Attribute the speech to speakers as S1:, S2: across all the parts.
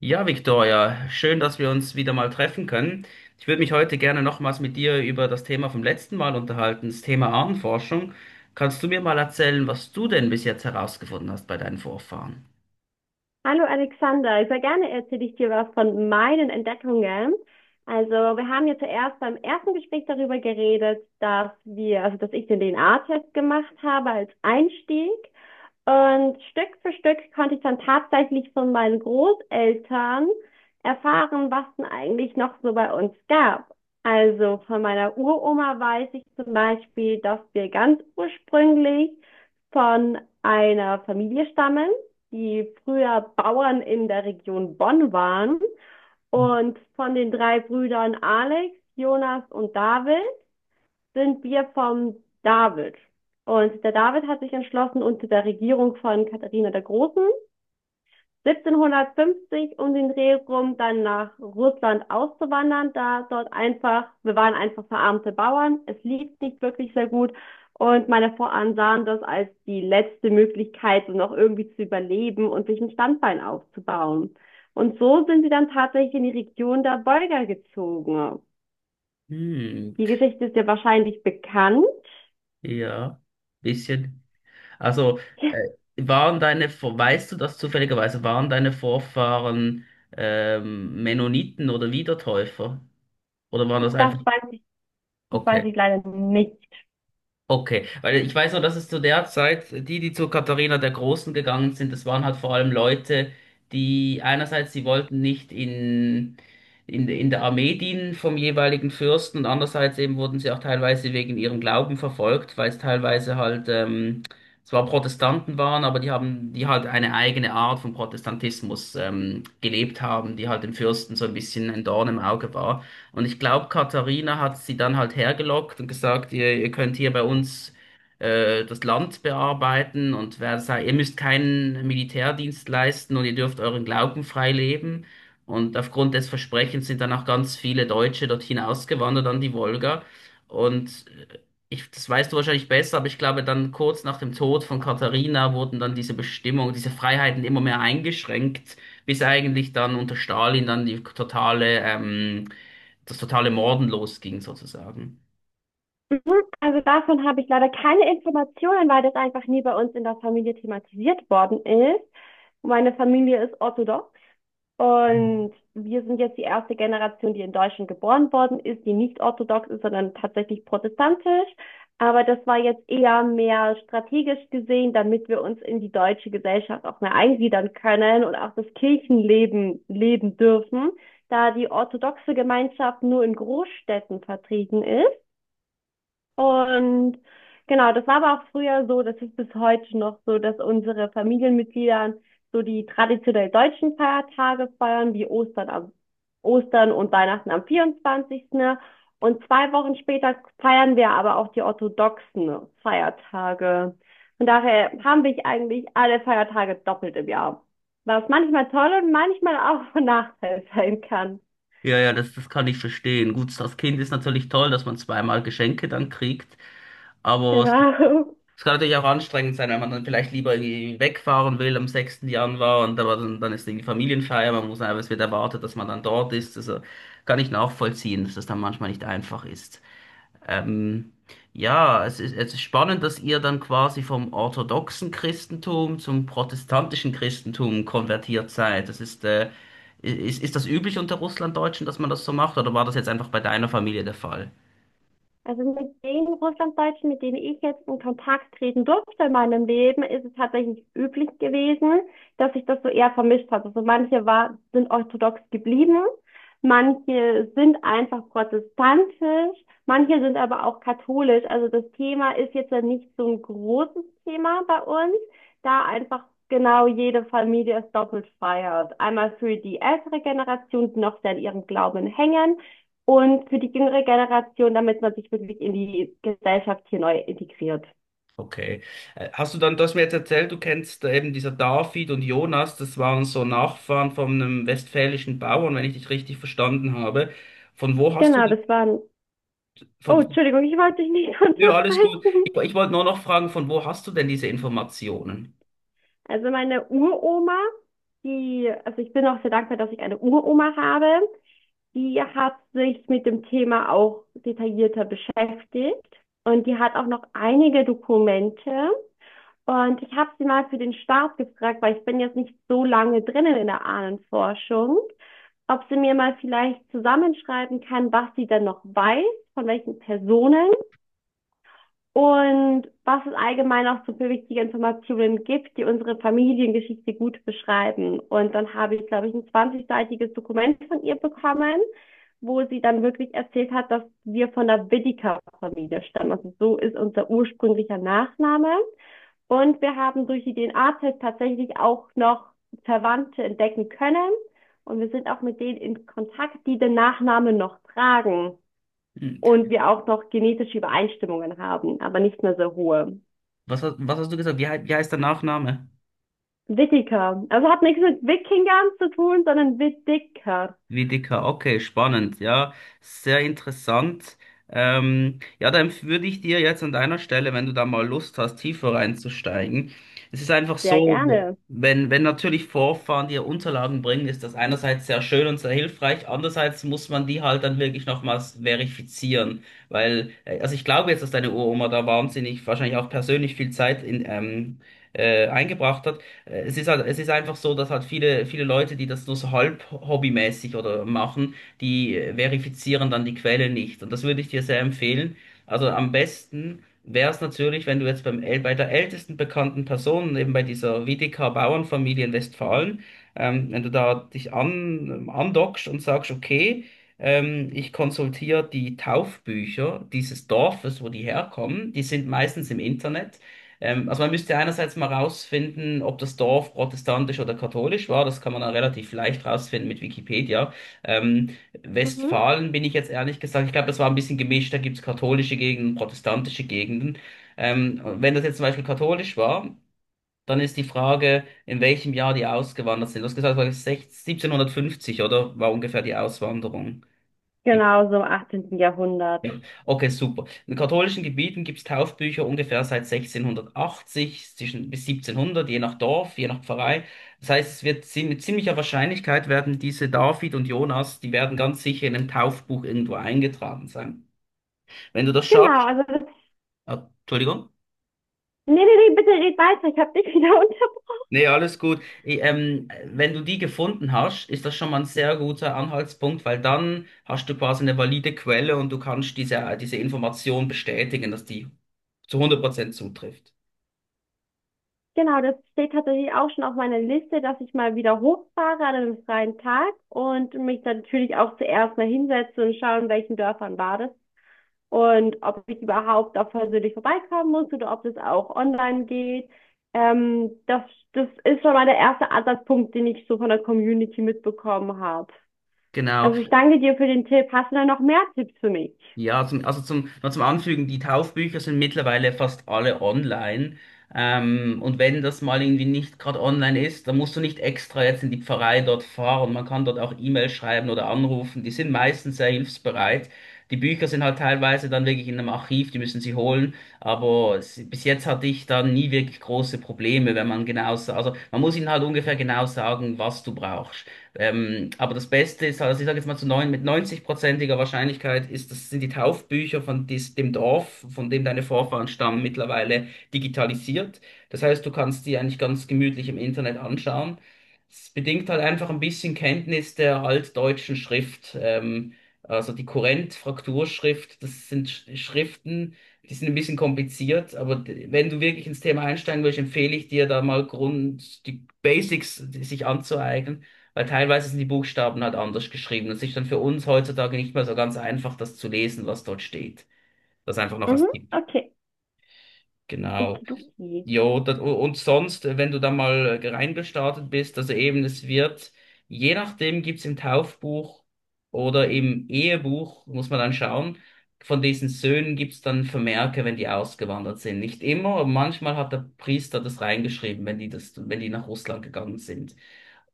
S1: Ja, Victoria, schön, dass wir uns wieder mal treffen können. Ich würde mich heute gerne nochmals mit dir über das Thema vom letzten Mal unterhalten, das Thema Ahnenforschung. Kannst du mir mal erzählen, was du denn bis jetzt herausgefunden hast bei deinen Vorfahren?
S2: Hallo Alexander, sehr gerne erzähle ich dir was von meinen Entdeckungen. Also wir haben ja zuerst beim ersten Gespräch darüber geredet, also dass ich den DNA-Test gemacht habe als Einstieg. Und Stück für Stück konnte ich dann tatsächlich von meinen Großeltern erfahren, was denn eigentlich noch so bei uns gab. Also von meiner Uroma weiß ich zum Beispiel, dass wir ganz ursprünglich von einer Familie stammen, die früher Bauern in der Region Bonn waren. Und von den drei Brüdern Alex, Jonas und David sind wir vom David. Und der David hat sich entschlossen, unter der Regierung von Katharina der Großen 1750 um den Dreh rum dann nach Russland auszuwandern, da dort einfach, wir waren einfach verarmte Bauern, es lief nicht wirklich sehr gut und meine Vorfahren sahen das als die letzte Möglichkeit, um noch irgendwie zu überleben und sich ein Standbein aufzubauen. Und so sind sie dann tatsächlich in die Region der Bolga gezogen.
S1: Hm,
S2: Die Geschichte ist ja wahrscheinlich bekannt.
S1: ja, bisschen. Also, äh, waren deine, weißt du das zufälligerweise, waren deine Vorfahren Mennoniten oder Wiedertäufer? Oder waren das
S2: Das
S1: einfach.
S2: weiß ich Das
S1: Okay.
S2: weiß ich leider nicht.
S1: Okay, weil ich weiß noch, dass es zu der Zeit, die, die zu Katharina der Großen gegangen sind, das waren halt vor allem Leute, die einerseits, sie wollten nicht in, in der Armee dienen vom jeweiligen Fürsten, und andererseits eben wurden sie auch teilweise wegen ihrem Glauben verfolgt, weil es teilweise halt zwar Protestanten waren, aber die haben, die halt eine eigene Art von Protestantismus gelebt haben, die halt dem Fürsten so ein bisschen ein Dorn im Auge war. Und ich glaube, Katharina hat sie dann halt hergelockt und gesagt, ihr könnt hier bei uns das Land bearbeiten und ihr müsst keinen Militärdienst leisten und ihr dürft euren Glauben frei leben. Und aufgrund des Versprechens sind dann auch ganz viele Deutsche dorthin ausgewandert an die Wolga. Und das weißt du wahrscheinlich besser, aber ich glaube, dann kurz nach dem Tod von Katharina wurden dann diese Bestimmungen, diese Freiheiten immer mehr eingeschränkt, bis eigentlich dann unter Stalin dann die totale das totale Morden losging, sozusagen.
S2: Mhm. Also davon habe ich leider keine Informationen, weil das einfach nie bei uns in der Familie thematisiert worden ist. Meine Familie ist orthodox
S1: Mhm.
S2: und wir sind jetzt die erste Generation, die in Deutschland geboren worden ist, die nicht orthodox ist, sondern tatsächlich protestantisch. Aber das war jetzt eher mehr strategisch gesehen, damit wir uns in die deutsche Gesellschaft auch mehr eingliedern können und auch das Kirchenleben leben dürfen, da die orthodoxe Gemeinschaft nur in Großstädten vertreten ist und genau, das war aber auch früher so, das ist bis heute noch so, dass unsere Familienmitglieder so die traditionell deutschen Feiertage feiern, wie Ostern am Ostern und Weihnachten am 24. Und zwei Wochen später feiern wir aber auch die orthodoxen Feiertage. Von daher haben wir eigentlich alle Feiertage doppelt im Jahr. Was manchmal toll und manchmal auch von Nachteil sein kann.
S1: Ja, ja, das kann ich verstehen. Gut, das Kind ist natürlich toll, dass man zweimal Geschenke dann kriegt, aber es,
S2: Genau.
S1: es kann natürlich auch anstrengend sein, wenn man dann vielleicht lieber irgendwie wegfahren will am 6. Januar, und aber dann ist irgendwie Familienfeier, man muss einfach, es wird erwartet, dass man dann dort ist. Also kann ich nachvollziehen, dass das dann manchmal nicht einfach ist. Ähm, ja, es ist spannend, dass ihr dann quasi vom orthodoxen Christentum zum protestantischen Christentum konvertiert seid. Ist das üblich unter Russlanddeutschen, dass man das so macht, oder war das jetzt einfach bei deiner Familie der Fall?
S2: Also mit den Russlanddeutschen, mit denen ich jetzt in Kontakt treten durfte in meinem Leben, ist es tatsächlich üblich gewesen, dass sich das so eher vermischt hat. Sind orthodox geblieben, manche sind einfach protestantisch, manche sind aber auch katholisch. Also das Thema ist jetzt ja nicht so ein großes Thema bei uns, da einfach genau jede Familie es doppelt feiert. Einmal für die ältere Generation, die noch sehr an ihrem Glauben hängen und für die jüngere Generation, damit man sich wirklich in die Gesellschaft hier neu integriert.
S1: Okay. Hast du dann, du hast mir jetzt erzählt, du kennst eben dieser David und Jonas, das waren so Nachfahren von einem westfälischen Bauern, wenn ich dich richtig verstanden habe. Von wo hast du
S2: Genau,
S1: die,
S2: das waren. Oh,
S1: von.
S2: Entschuldigung, ich wollte dich nicht
S1: Nö, alles gut. Ich,
S2: unterbrechen.
S1: ich wollte nur noch fragen, von wo hast du denn diese Informationen?
S2: Also meine Uroma, also ich bin auch sehr dankbar, dass ich eine Uroma habe. Die hat sich mit dem Thema auch detaillierter beschäftigt und die hat auch noch einige Dokumente. Und ich habe sie mal für den Start gefragt, weil ich bin jetzt nicht so lange drinnen in der Ahnenforschung, ob sie mir mal vielleicht zusammenschreiben kann, was sie denn noch weiß, von welchen Personen und was es allgemein auch so für wichtige Informationen gibt, die unsere Familiengeschichte gut beschreiben. Und dann habe ich, glaube ich, ein 20-seitiges Dokument von ihr bekommen, wo sie dann wirklich erzählt hat, dass wir von der Whittaker-Familie stammen. Also so ist unser ursprünglicher Nachname. Und wir haben durch die DNA-Tests tatsächlich auch noch Verwandte entdecken können. Und wir sind auch mit denen in Kontakt, die den Nachnamen noch tragen. Und wir auch noch genetische Übereinstimmungen haben, aber nicht mehr so hohe.
S1: Was hast du gesagt? Wie heißt der Nachname?
S2: Wittiker. Also hat nichts mit Wikingern zu tun, sondern Wittiker.
S1: Wiedeker. Okay, spannend. Ja, sehr interessant. Ja, dann würde ich dir jetzt an deiner Stelle, wenn du da mal Lust hast, tiefer reinzusteigen. Es ist einfach
S2: Sehr
S1: so,
S2: gerne.
S1: wenn natürlich Vorfahren dir Unterlagen bringen, ist das einerseits sehr schön und sehr hilfreich, andererseits muss man die halt dann wirklich nochmals verifizieren. Weil, also ich glaube jetzt, dass deine Uroma da wahnsinnig, wahrscheinlich auch persönlich viel Zeit in, eingebracht hat. Es ist halt, es ist einfach so, dass halt viele, viele Leute, die das nur so halb hobbymäßig oder machen, die verifizieren dann die Quelle nicht. Und das würde ich dir sehr empfehlen. Also am besten wäre es natürlich, wenn du jetzt bei der ältesten bekannten Person, eben bei dieser WDK-Bauernfamilie in Westfalen, wenn du da dich andockst und sagst: Okay, ich konsultiere die Taufbücher dieses Dorfes, wo die herkommen. Die sind meistens im Internet. Also man müsste einerseits mal rausfinden, ob das Dorf protestantisch oder katholisch war. Das kann man dann relativ leicht rausfinden mit Wikipedia. Ähm,
S2: Mhm.
S1: Westfalen bin ich jetzt ehrlich gesagt, ich glaube, das war ein bisschen gemischt. Da gibt's katholische Gegenden, protestantische Gegenden. Und wenn das jetzt zum Beispiel katholisch war, dann ist die Frage, in welchem Jahr die ausgewandert sind. Du hast gesagt, es war 16 1750, oder? War ungefähr die Auswanderung.
S2: Genau, so im 18. Jahrhundert.
S1: Ja, okay, super. In katholischen Gebieten gibt es Taufbücher ungefähr seit 1680 zwischen, bis 1700, je nach Dorf, je nach Pfarrei. Das heißt, es wird mit ziemlicher Wahrscheinlichkeit werden diese David und Jonas, die werden ganz sicher in einem Taufbuch irgendwo eingetragen sein. Wenn du das
S2: Genau,
S1: schaffst,
S2: also das.
S1: ah, Entschuldigung.
S2: Nee, nee, nee, bitte red weiter. Ich habe dich wieder.
S1: Nee, alles gut. Wenn du die gefunden hast, ist das schon mal ein sehr guter Anhaltspunkt, weil dann hast du quasi eine valide Quelle und du kannst diese, diese Information bestätigen, dass die zu 100% zutrifft.
S2: Genau, das steht tatsächlich auch schon auf meiner Liste, dass ich mal wieder hochfahre an einem freien Tag und mich dann natürlich auch zuerst mal hinsetze und schaue, in welchen Dörfern war das und ob ich überhaupt auch persönlich vorbeikommen muss oder ob das auch online geht. Ähm, das, das ist schon mal der erste Ansatzpunkt, den ich so von der Community mitbekommen habe.
S1: Genau,
S2: Also ich danke dir für den Tipp. Hast du da noch mehr Tipps für mich?
S1: ja, zum, also zum, noch zum Anfügen, die Taufbücher sind mittlerweile fast alle online. Und wenn das mal irgendwie nicht gerade online ist, dann musst du nicht extra jetzt in die Pfarrei dort fahren. Man kann dort auch E-Mail schreiben oder anrufen. Die sind meistens sehr hilfsbereit. Die Bücher sind halt teilweise dann wirklich in einem Archiv, die müssen sie holen. Aber es, bis jetzt hatte ich da nie wirklich große Probleme, wenn man genau, sa- also man muss ihnen halt ungefähr genau sagen, was du brauchst. Aber das Beste ist, also ich sage jetzt mal mit 90-prozentiger Wahrscheinlichkeit ist, das sind die Taufbücher von dem Dorf, von dem deine Vorfahren stammen, mittlerweile digitalisiert. Das heißt, du kannst die eigentlich ganz gemütlich im Internet anschauen. Es bedingt halt einfach ein bisschen Kenntnis der altdeutschen Schrift, also die Kurrent-Frakturschrift. Das sind Schriften, die sind ein bisschen kompliziert, aber wenn du wirklich ins Thema einsteigen willst, empfehle ich dir da mal Grund, die Basics sich anzueignen. Weil teilweise sind die Buchstaben halt anders geschrieben. Es ist dann für uns heutzutage nicht mehr so ganz einfach, das zu lesen, was dort steht. Das einfach noch
S2: Mhm,
S1: als Tipp.
S2: okay.
S1: Genau.
S2: Okidoki.
S1: Jo, das, und sonst, wenn du da mal reingestartet bist, also eben, es wird, je nachdem gibt's im Taufbuch oder im Ehebuch, muss man dann schauen, von diesen Söhnen gibt's dann Vermerke, wenn die ausgewandert sind. Nicht immer, aber manchmal hat der Priester das reingeschrieben, wenn die das, wenn die nach Russland gegangen sind.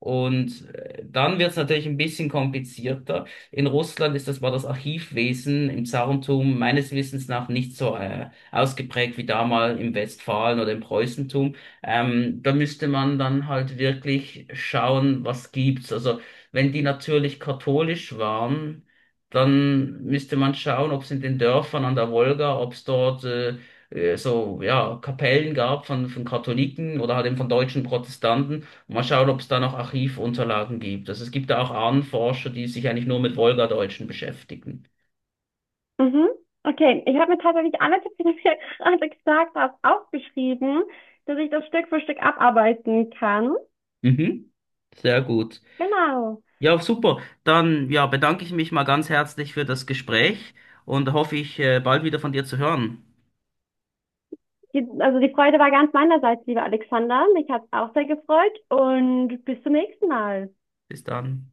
S1: Und dann wird es natürlich ein bisschen komplizierter. In Russland ist das, war das Archivwesen im Zarentum meines Wissens nach nicht so ausgeprägt wie damals im Westfalen oder im Preußentum. Da müsste man dann halt wirklich schauen, was gibt's. Also wenn die natürlich katholisch waren, dann müsste man schauen, ob es in den Dörfern an der Wolga, ob es dort so ja Kapellen gab von, Katholiken oder halt eben von deutschen Protestanten. Mal schauen, ob es da noch Archivunterlagen gibt. Also es gibt da auch Ahnenforscher, die sich eigentlich nur mit Wolgadeutschen beschäftigen.
S2: Mhm. Okay, ich habe mir tatsächlich alle Tipps, die du mir gerade gesagt hast, aufgeschrieben, dass ich das Stück für Stück abarbeiten kann.
S1: Mhm. Sehr gut.
S2: Genau.
S1: Ja, super. Dann ja, bedanke ich mich mal ganz herzlich für das Gespräch und hoffe ich, bald wieder von dir zu hören.
S2: Also die Freude war ganz meinerseits, lieber Alexander. Mich hat's auch sehr gefreut und bis zum nächsten Mal.
S1: Bis dann.